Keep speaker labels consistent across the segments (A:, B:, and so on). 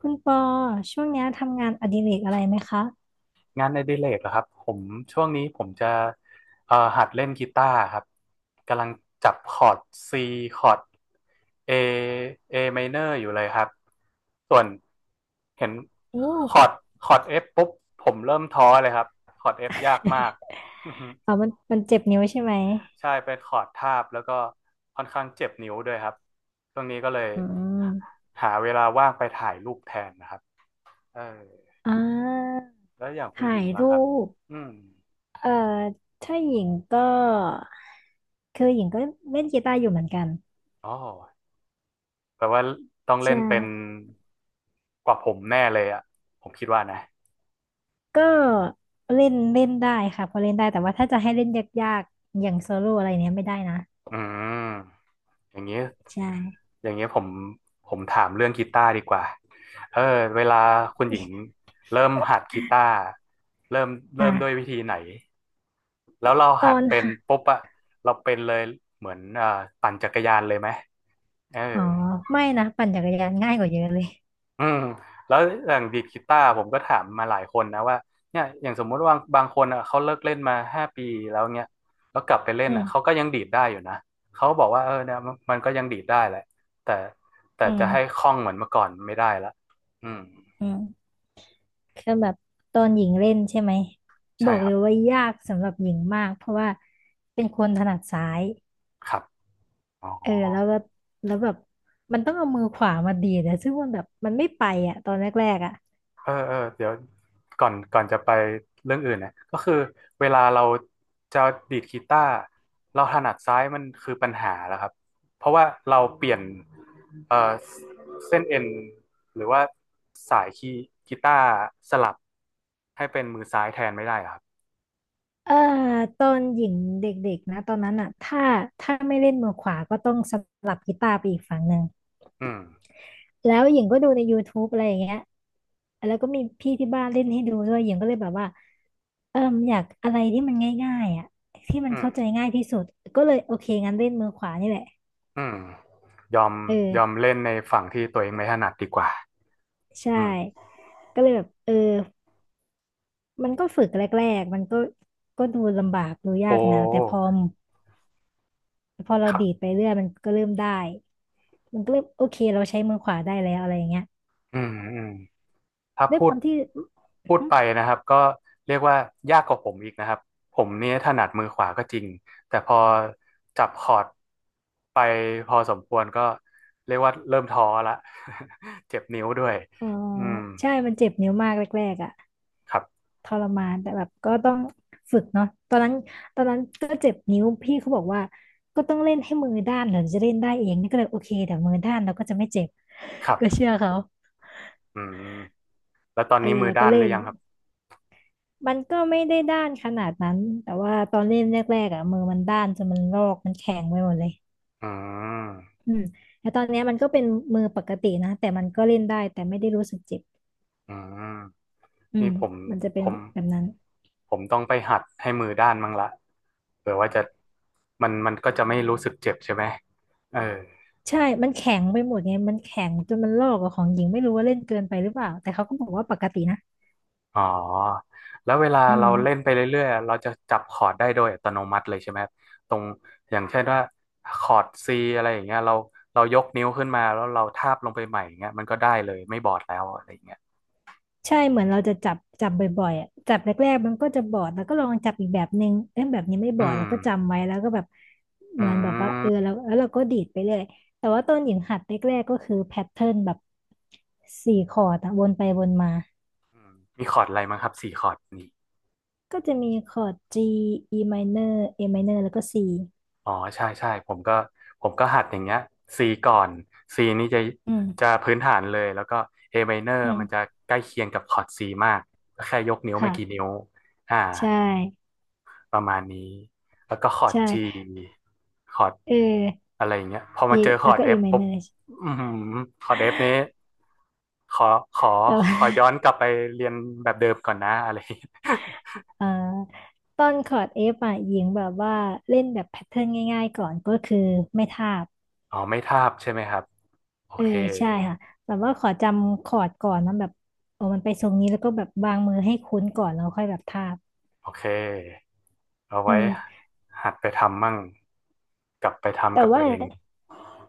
A: คุณปอช่วงเนี้ยทำงานอดิเรกอะไรไหมคะ
B: งานในดิเลกเหรอครับผมช่วงนี้ผมจะหัดเล่นกีตาร์ครับกำลังจับคอร์ด C คอร์ด A A minor อยู่เลยครับส่วนเห็น
A: โอ้
B: คอร์ดคอร์ด F ปุ๊บผมเริ่มท้อเลยครับคอร์ด F ยากมาก
A: มันเจ็บนิ้วใช่ไหม
B: ใช่เป็นคอร์ดทาบแล้วก็ค่อนข้างเจ็บนิ้วด้วยครับช่วงนี้ก็เลย
A: อืม
B: หาเวลาว่างไปถ่ายรูปแทนนะครับเออ
A: อ่า
B: แล้วอย่างคุณ
A: ถ่า
B: หญิ
A: ย
B: งล่ะ
A: รู
B: ครับ
A: ป
B: อืม
A: เอ่อถ้าหญิงก็คือหญิงก็เล่นกีตาร์อยู่เหมือนกัน
B: อ๋อ แปลว่าต้องเล่
A: ใช่
B: นเป็นกว่าผมแน่เลยอ่ะผมคิดว่านะ
A: ก็เล่นเล่นได้ค่ะพอเล่นได้แต่ว่าถ้าจะให้เล่นยากๆอย่างโซโล่อะไรเนี้ยไม่ได้นะ
B: อืมอย่างนี้
A: ใช่
B: อย่างนี้ผมถามเรื่องกีตาร์ดีกว่าเออเวลาคุณหญิงเริ่มหัดกีตาร์เริ่มเริ่มด้วย
A: อ่ะ
B: วิธีไหนแล้วเรา
A: ต
B: หั
A: อ
B: ด
A: น
B: เป็น
A: ค่ะ
B: ปุ๊บอะเราเป็นเลยเหมือนปั่นจักรยานเลยไหมเออ
A: อ๋อไม่นะปั่นจักรยานง่ายกว่าเยอะเลย
B: อืมแล้วอย่างดีดกีตาร์ผมก็ถามมาหลายคนนะว่าเนี่ยอย่างสมมุติว่าบางคนอ่ะเขาเลิกเล่นมา5 ปีแล้วเนี่ยแล้วกลับไปเล่น
A: อื
B: อ่ะเขาก็
A: ม
B: ยังดีดได้อยู่นะเขาบอกว่าเออเนี่ยมันก็ยังดีดได้แหละแต่แต่
A: อืม
B: จะให้คล่องเหมือนเมื่อก่อนไม่ได้ละอืม
A: อืม คือแบบตอนหญิงเล่นใช่ไหมบ
B: ใช่
A: อก
B: ค
A: เล
B: รับ
A: ยว่ายากสำหรับหญิงมากเพราะว่าเป็นคนถนัดซ้าย
B: ครับอ๋อ
A: เออแล้วก็แล้วแบบมันต้องเอามือขวามาดีดอะซึ่งมันแบบมันไม่ไปอ่ะตอนแรกๆอ่ะ
B: เออเออเดี๋ยวก่อนจะไปเรื่องอื่นนะก็คือเวลาเราจะดีดกีตาร์เราถนัดซ้ายมันคือปัญหาแล้วครับเพราะว่าเราเปลี่ยนเออเส้นเอ็นหรือว่าสายคีย์กีตาร์สลับให้เป็นมือซ้ายแทนไม่ได้ครับ
A: เออตอนหญิงเด็กๆนะตอนนั้นอ่ะถ้าถ้าไม่เล่นมือขวาก็ต้องสลับกีตาร์ไปอีกฝั่งหนึ่ง
B: อืม
A: แล้วหญิงก็ดูใน YouTube อะไรอย่างเงี้ยแล้วก็มีพี่ที่บ้านเล่นให้ดูด้วยหญิงก็เลยแบบว่า เอิ่มอยากอะไรที่มันง่ายๆอ่ะที่มัน
B: อืม
A: เข้าใจง่ายที่สุดก็เลยโอเคงั้นเล่นมือขวานี่แหละ
B: อืมยอม
A: เอ
B: ยอม
A: อ
B: เล่นในฝั่งที่ตัวเองไม่ถนัดดีกว่า
A: ใช่
B: อืม
A: ก็เลยแบบมันก็ฝึกแรกๆมันก็ดูลำบากดูยา
B: โอ้
A: กนะแต่พอพอเรา
B: ครั
A: ดีด
B: บ
A: ไปเรื่อยมันก็เริ่มได้มันก็เริ่มโอเคเราใช้มือขวาได้แล้วอะไรอย่างเงี้ย
B: อืมอืม ถ้า
A: ด้วย
B: พู
A: ค
B: ด
A: วามที่
B: พูดไปนะครับก็เรียกว่ายากกว่าผมอีกนะครับผมเนี่ยถนัดมือขวาก็จริงแต่พอจับคอร์ดไปพอสมควรก็เรียกว่าเริ่มท้อละ เจ็บนิ้วด้วย
A: อ๋อ
B: อืม
A: ใช่มันเจ็บนิ้วมากแรกๆอ่ะ
B: ครับ
A: ทรมานแต่แบบก็ต้องฝึกเนาะตอนนั้นตอนนั้นก็เจ็บนิ้วพี่เขาบอกว่าก็ต้องเล่นให้มือด้านถึงจะเล่นได้เองนี่ก็เลยโอเคแต่มือด้านเราก็จะไม่เจ็บ
B: ครั
A: ก็เชื่
B: บ
A: อเขา
B: อืมแล้วตอน
A: เออ
B: นี้มือ
A: แล้วก็
B: ด้าน
A: เล่
B: หรื
A: น
B: อยังครับ
A: มันก็ไม่ได้ด้านขนาดนั้นแต่ว่าตอนเล่นแรกๆอ่ะมือมันด้านจนมันลอกมันแข็งไปหมดเลย
B: อืม
A: อืมแต่ตอนเนี้ยมันก็เป็นมือปกตินะแต่มันก็เล่นได้แต่ไม่ได้รู้สึกเจ็บ
B: อืม
A: อื
B: นี่
A: มมันจะ
B: ผ
A: เป็น
B: ม
A: แบบนั้น
B: ผมต้องไปหัดให้มือด้านมั้งละเผื่อว่าจะมันก็จะไม่รู้สึกเจ็บใช่ไหมเออ
A: ใช่ มันแข็งไปหมดไง มันแข็งจนมันลอกกับของหญิงไม่รู้ว่าเล่นเกินไปหรือเปล่าแต่เขาก็บอกว่าปกตินะ
B: อ๋อแล้วเวลา
A: อืม
B: เราเล่นไปเรื่อยๆอะเราจะจับคอร์ดได้โดยอัตโนมัติเลยใช่ไหมครับตรงอย่างเช่นว่าคอร์ด C อะไรอย่างเงี้ยเรายกนิ้วขึ้นมาแล้วเราทาบลงไปใหม่อย่างเงี้ยมันก็ได้เลยไม่บอดแล้วอะไรอย่างเงี้ย
A: ใช่เหมือนเราจะจับบ่อยๆอ่ะจับแรกๆมันก็จะบอดแล้วก็ลองจับอีกแบบนึงเอ้ยแบบนี้ไม่บ
B: อื
A: อดแล้
B: ม
A: วก็จำไว้แล้วก็แบบเห
B: อื
A: มือนแบบว่าเออ
B: ม
A: แล้วเราก็ดีดไปเรื่อยแต่ว่าต้นหญิงหัดแรกๆก็คือแพทเทิร์นแบบสี่คอร์ดอะวนไปวนมา
B: อืมมีคอร์ดอะไรมั้งครับ4 คอร์ดนี่
A: ก็จะมีคอร์ด G E minor A minor แล้วก็ C
B: อ๋อใช่ใช่ผมก็หัดอย่างเงี้ย C ก่อน C นี่จะ
A: อื
B: จะ
A: ม
B: พื้นฐานเลยแล้วก็ A minor
A: อืม
B: มันจะใกล้เคียงกับคอร์ด C มากก็แค่ยกนิ้วไม่กี่
A: ค่ะ
B: นิ้วอ่า
A: ใช่
B: ประมาณนี้แล้วก็คอร์ด
A: ใช่
B: G คอร์ด
A: เออ
B: อะไรอย่างเงี้ยพอมา
A: E
B: เจอค
A: แล้
B: อ
A: ว
B: ร์ด
A: ก็ A
B: F ปุ๊บ
A: minor
B: อือหือคอร์ด F นี้ขอขอ
A: แต่ว่า
B: ขอย้อนกลับไปเรียนแบบเดิมก่อนนะอะไรอย่างเงี้ย
A: เอ่อต้นคอร์ด F อ่ะหญิงแบบว่าเล่นแบบแพทเทิร์นง่ายๆก่อนก็คือไม่ทาบ
B: อ๋อไม่ทาบใช่ไหมครับโอ
A: เออ
B: เค
A: ใช่ค่ะแบบว่าขอจำคอร์ดก่อนนะแบบโอ้มันไปทรงนี้แล้วก็แบบวางมือให้คุ้นก่อนแล้วค่อยแบบทาบ
B: โอเคเอา
A: เอ
B: ไว้
A: อ
B: หัดไปทำมั่งกลับไป
A: แต่
B: ทำกับตั
A: ว่า
B: วเอง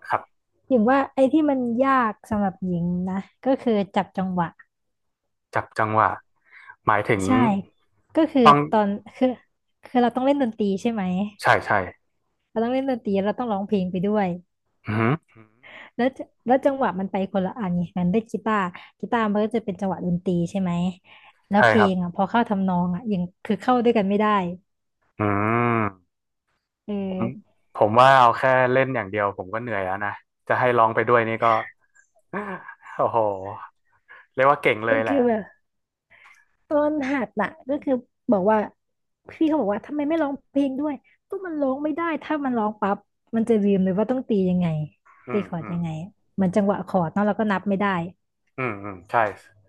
B: ครับ
A: หญิงว่าไอ้ที่มันยากสำหรับหญิงนะก็คือจับจังหวะ
B: จับจังหวะหมายถึง
A: ใช่ก็คือ
B: ต้อง
A: ตอนคือคือเราต้องเล่นดนตรีใช่ไหม
B: ใช่ใช่
A: เราต้องเล่นดนตรีเราต้องร้องเพลงไปด้วย
B: อือหือ
A: แล้วจังหวะมันไปคนละอันไงมันได้กีตาร์กีตาร์มันก็จะเป็นจังหวะดนตรีใช่ไหม แล้ว
B: ใช่
A: เพ
B: ค
A: ล
B: รับ
A: งอ่ะพอเข้าทำนองอ่ะยังคือเข้าด้วยกันไม่ได้
B: อืม
A: เ
B: ผม
A: ออ
B: ผมว่าเอาแค่เล่นอย่างเดียวผมก็เหนื่อยแล้วนะจะให้ร้องไปด้วยนี่ก็ โอ้โหเรียกว่าเก่งเล
A: ก็
B: ยแห
A: คื
B: ละ
A: อแบบต้นหัดน่ะก็คือบอกว่าพี่เขาบอกว่าทำไมไม่ร้องเพลงด้วยก็มันร้องไม่ได้ถ้ามันร้องปั๊บมันจะลืมเลยว่าต้องตียังไง
B: อื
A: ตี
B: ม
A: คอร์ด
B: อืม
A: ยังไงเหมือนจังหวะคอร์ดเนาะเราก็นับไม่ได้
B: อืมอืมใช่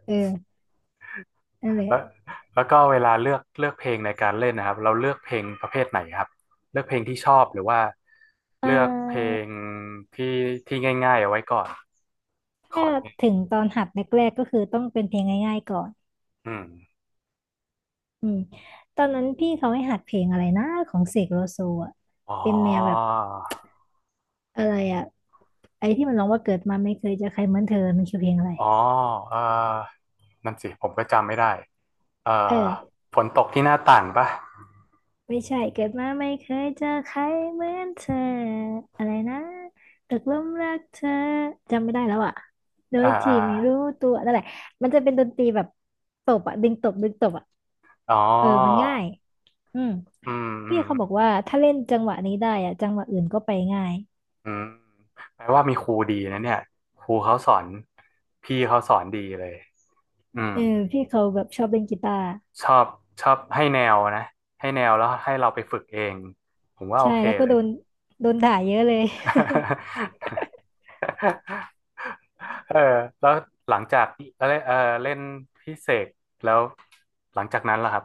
A: เออนั่นแหละ
B: แล้วแล้วก็เวลาเลือกเพลงในการเล่นนะครับเราเลือกเพลงประเภทไหนครับเลือกเพลงที่ชอบหรือว่า
A: เ
B: เลือกเพล
A: ออ
B: งที่ที่ง่ายๆเอาไว้ก่อนค
A: ถ้า
B: อร์ดง่าย
A: ถึงตอนหัดแรกๆก็คือต้องเป็นเพลงง่ายๆก่อน
B: อืม
A: อืมตอนนั้นพี่เขาให้หัดเพลงอะไรนะของเสกโลโซอ่ะ
B: อ๋อ
A: เป็นแนวแบบอะไรอ่ะไอ้ที่มันร้องว่าเกิดมาไม่เคยเจอใครเหมือนเธอมันคือเพลงอะไร
B: อ๋อเออนั่นสิผมก็จำไม่ได้เอ่อ
A: เออ
B: ฝนตกที่หน้าต่างปะ
A: ไม่ใช่เกิดมาไม่เคยเจอใครเหมือนเธออะไรนะตกหลุมรักเธอจำไม่ได้แล้วอ่ะโดย
B: อ่า
A: ที่
B: อ่า
A: ไม่รู้ตัวนั่นแหละมันจะเป็นดนตรีแบบตบอ่ะดึงตบดึงตบอ่ะ
B: อ๋อ
A: เออมันง่ายอืม
B: อืมอื
A: พี่เขาบอก
B: ม
A: ว่าถ้าเล่นจังหวะนี้ได้อ่ะจังหวะอื่นก็ไปง่าย
B: อืมแปลว่ามีครูดีนะเนี่ยครูเขาสอนพี่เขาสอนดีเลยอืม
A: เออพี่เขาแบบชอบเล่นกีตาร์
B: ชอบชอบให้แนวนะให้แนวแล้วให้เราไปฝึกเองผมว่าโอ
A: ใช่
B: เค
A: แล้วก็
B: เลย
A: โดนด่าเยอะเลย
B: เออแล้วหลังจากเล่นเล่นพิเศษแล้วหลังจากนั้นล่ะครับ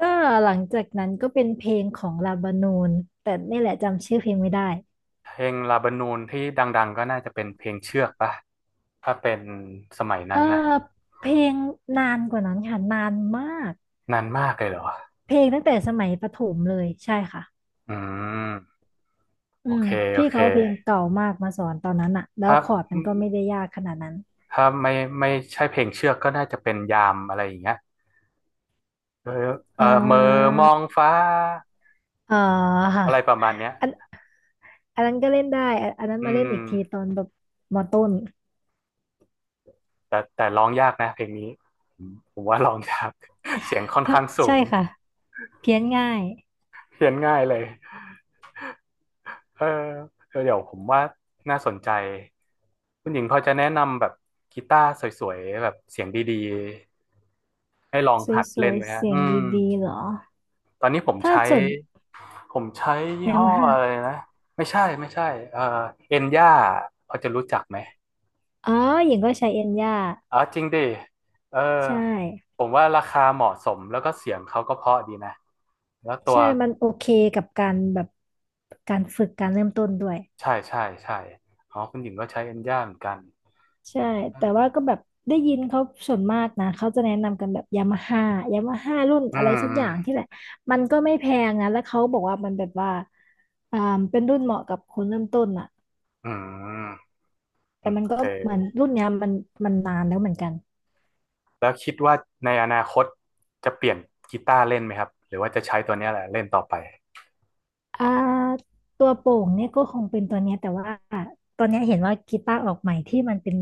A: ก็หลังจากนั้นก็เป็นเพลงของลาบานูนแต่นี่แหละจำชื่อเพลงไม่ได้
B: เพลงลาบานูนที่ดังๆก็น่าจะเป็นเพลงเชือกปะถ้าเป็นสมัย
A: เอ
B: นั้นนะ
A: อเพลงนานกว่านั้นค่ะนานมาก
B: นานมากเลยเหรอ
A: เพลงตั้งแต่สมัยประถมเลยใช่ค่ะ
B: อืม
A: อื
B: โอ
A: ม
B: เคโอ
A: พี่
B: เค
A: เขาเอาเพลงเก่ามากมาสอนตอนนั้นอะแล้ว
B: ถ้า
A: คอร์ดมันก็ไม่ได้ยากขนาดนั้น
B: ถ้าไม่ใช่เพลงเชือกก็น่าจะเป็นยามอะไรอย่างเงี้ยเออ
A: เ
B: เออเหม่อ
A: ออ
B: มองฟ้า
A: เออค่ะ
B: อะไรประมาณเนี้ย
A: อันอันนั้นก็เล่นได้อันนั้น
B: อื
A: มาเล่นอีกทีต
B: ม
A: อนแบบมต้น
B: แต่ร้องยากนะเพลงนี้ผมว่าร้องยาก เสียงค่อน
A: ถ้า
B: ข้างสู
A: ใช่
B: ง
A: ค่ะเพี้ยนง่าย
B: เขียนง่ายเลยเออเออเดี๋ยวผมว่าน่าสนใจคุณหญิงพอจะแนะนำแบบกีตาร์สวยๆแบบเสียงดีๆให้ลองหัด
A: สว
B: เล่น
A: ย
B: ไหม
A: ๆ
B: ฮะ
A: เสียง
B: อืม
A: ดีๆเหรอ
B: ตอนนี้ผม
A: ถ้า
B: ใช้
A: ส่วน
B: ผมใช้ยี่
A: ยา
B: ห้อ
A: มาฮ่า
B: อะไรนะไม่ใช่ไม่ใช่เอ่อเอ็นย่าพอจะรู้จักไหม
A: อ๋อหญิงก็ใช้เอ็นย่า
B: อ๋อจริงดิเออ
A: ใช่
B: ผมว่าราคาเหมาะสมแล้วก็เสียงเขาก็เพราะดีนะแล้วตัว
A: ใช่ มันโอเคกับการแบบการฝึกการเริ่มต้นด้วย
B: ใช่ใช่ใช่อ๋อคุณหญิงก็ใช้เอ็นย่าเหมือนกัน
A: ใช่
B: เอ
A: แต่ว่า
B: อ
A: ก็แบบได้ยินเขาส่วนมากนะ เขาจะแนะนำกันแบบยามาฮ่ายามาฮ่ารุ่น
B: อื
A: อะไร
B: ม
A: สัก
B: อื
A: อ
B: ม
A: ย่างที่แหละ มันก็ไม่แพงนะ แล้วเขาบอกว่ามันแบบว่าอ่าเป็นรุ่นเหมาะกับคนเริ่มต้นอ่ะ
B: อื
A: แต่
B: ม
A: มัน
B: โอ
A: ก็
B: เค
A: เหมือนรุ่นเนี้ยมันนานแล้วเหมือนกัน
B: แล้วคิดว่าในอนาคตจะเปลี่ยนกีตาร์เล่นไหมครับหรือว่าจะใช้ตัวเนี้ยแหละเล่นต่อไป
A: อ่าตัวโปร่งเนี่ยก็คงเป็นตัวเนี้ยแต่ว่าตอนเนี้ยเห็นว่ากีตาร์ออกใหม่ที่มันเป็น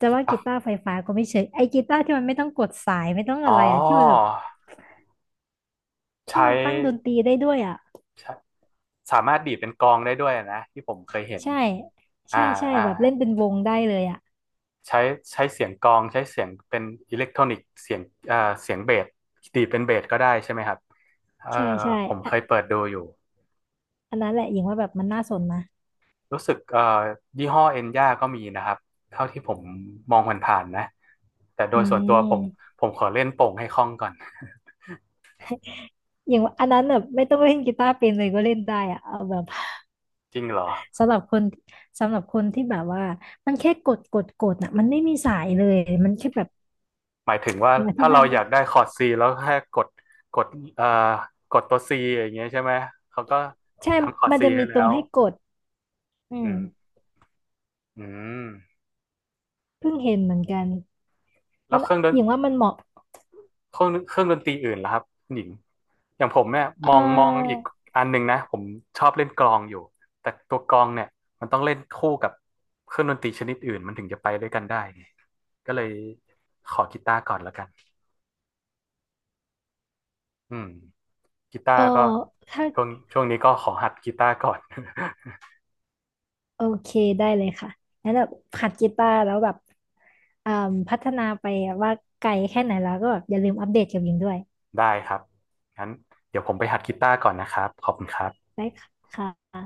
A: จะ
B: กี
A: ว่า
B: ตา
A: กี
B: ร์
A: ตาร์ไฟฟ้าก็ไม่เชิงไอ้กีตาร์ที่มันไม่ต้องกดสายไม่ต้อง
B: อ๋
A: อะ
B: อ
A: ไรอ่ะที่มันแบบ
B: ใช้
A: ที่มันตั้งดนตรีได้ด้วยอ่ะ
B: ใช้ สามารถดีดเป็นกลองได้ด้วยนะที่ผมเคยเห็น
A: ใช่
B: อ่า
A: ใช่ใช่
B: อ่า
A: แบบเล่นเป็นวงได้เลยอ่ะ
B: ใช้ใช้เสียงกลองใช้เสียงเป็นอิเล็กทรอนิกเสียงเอ่าเสียงเบสดีดเป็นเบสก็ได้ใช่ไหมครับเอ่
A: ใช่
B: อ
A: ใช่
B: ผมเคย
A: อะ
B: เปิดดูอยู่
A: อันนั้นแหละหญิงว่าแบบมันน่าสนนะ
B: รู้สึกยี่ห้อเอ็นย่าก็มีนะครับเท่าที่ผมมองผ่านๆนะแต่โด
A: อื
B: ยส่วนตั
A: ม
B: วผมขอเล่นโป่งให้คล่องก่อน
A: อย่างว่าอันนั้นแบบไม่ต้องเล่นกีตาร์เป็นเลยก็เล่นได้อะเอาแบบ
B: จริงเหรอ
A: สำหรับคนสำหรับคนที่แบบว่ามันแค่กดกดกดน่ะมันไม่มีสายเลยมันแค่แบบ
B: หมายถึงว่า
A: อธิ
B: ถ้า
A: บา
B: เรา
A: ย
B: อ
A: ไม่
B: ยากได้คอร์ดซีแล้วแค่กดเอ่อกดตัวซีอย่างเงี้ยใช่ไหมเขาก็
A: ใช่
B: ทำคอร์ด
A: มัน
B: ซี
A: จะ
B: ให้
A: มีต
B: แล้
A: รง
B: ว
A: ให้กดอื
B: อื
A: ม
B: ม อืม
A: เพิ่งเห็นเหมือนกัน
B: แล้
A: มั
B: ว
A: น
B: เครื่องดน
A: อย่างว่ามันเหมาะ
B: เครื่องเครื่องดนตรีอื่นล่ะครับคุณหญิงอย่างผมเนี่ยม
A: เ
B: องมองอี
A: ออ
B: กอันหนึ่งนะผมชอบเล่นกลองอยู่แต่ตัวกลองเนี่ยมันต้องเล่นคู่กับเครื่องดนตรีชนิดอื่นมันถึงจะไปด้วยกันได้ไงก็เลยขอกีตาร์ก่อนแล้วกันอืมกีตา
A: เออ
B: ร์ก็
A: ถ้า
B: ช่วงนี้ก็ขอหัดกีตาร์ก่อน
A: โอเคได้เลยค่ะงั้นแบบหัดกีตาร์แล้วแบบอ่าพัฒนาไปว่าไกลแค่ไหนแล้วก็แบบอย่าลืมอัปเดตกับยิงด้วย
B: ได้ครับงั้นเดี๋ยวผมไปหัดกีตาร์ก่อนนะครับขอบคุณครับ
A: ได้ค่ะ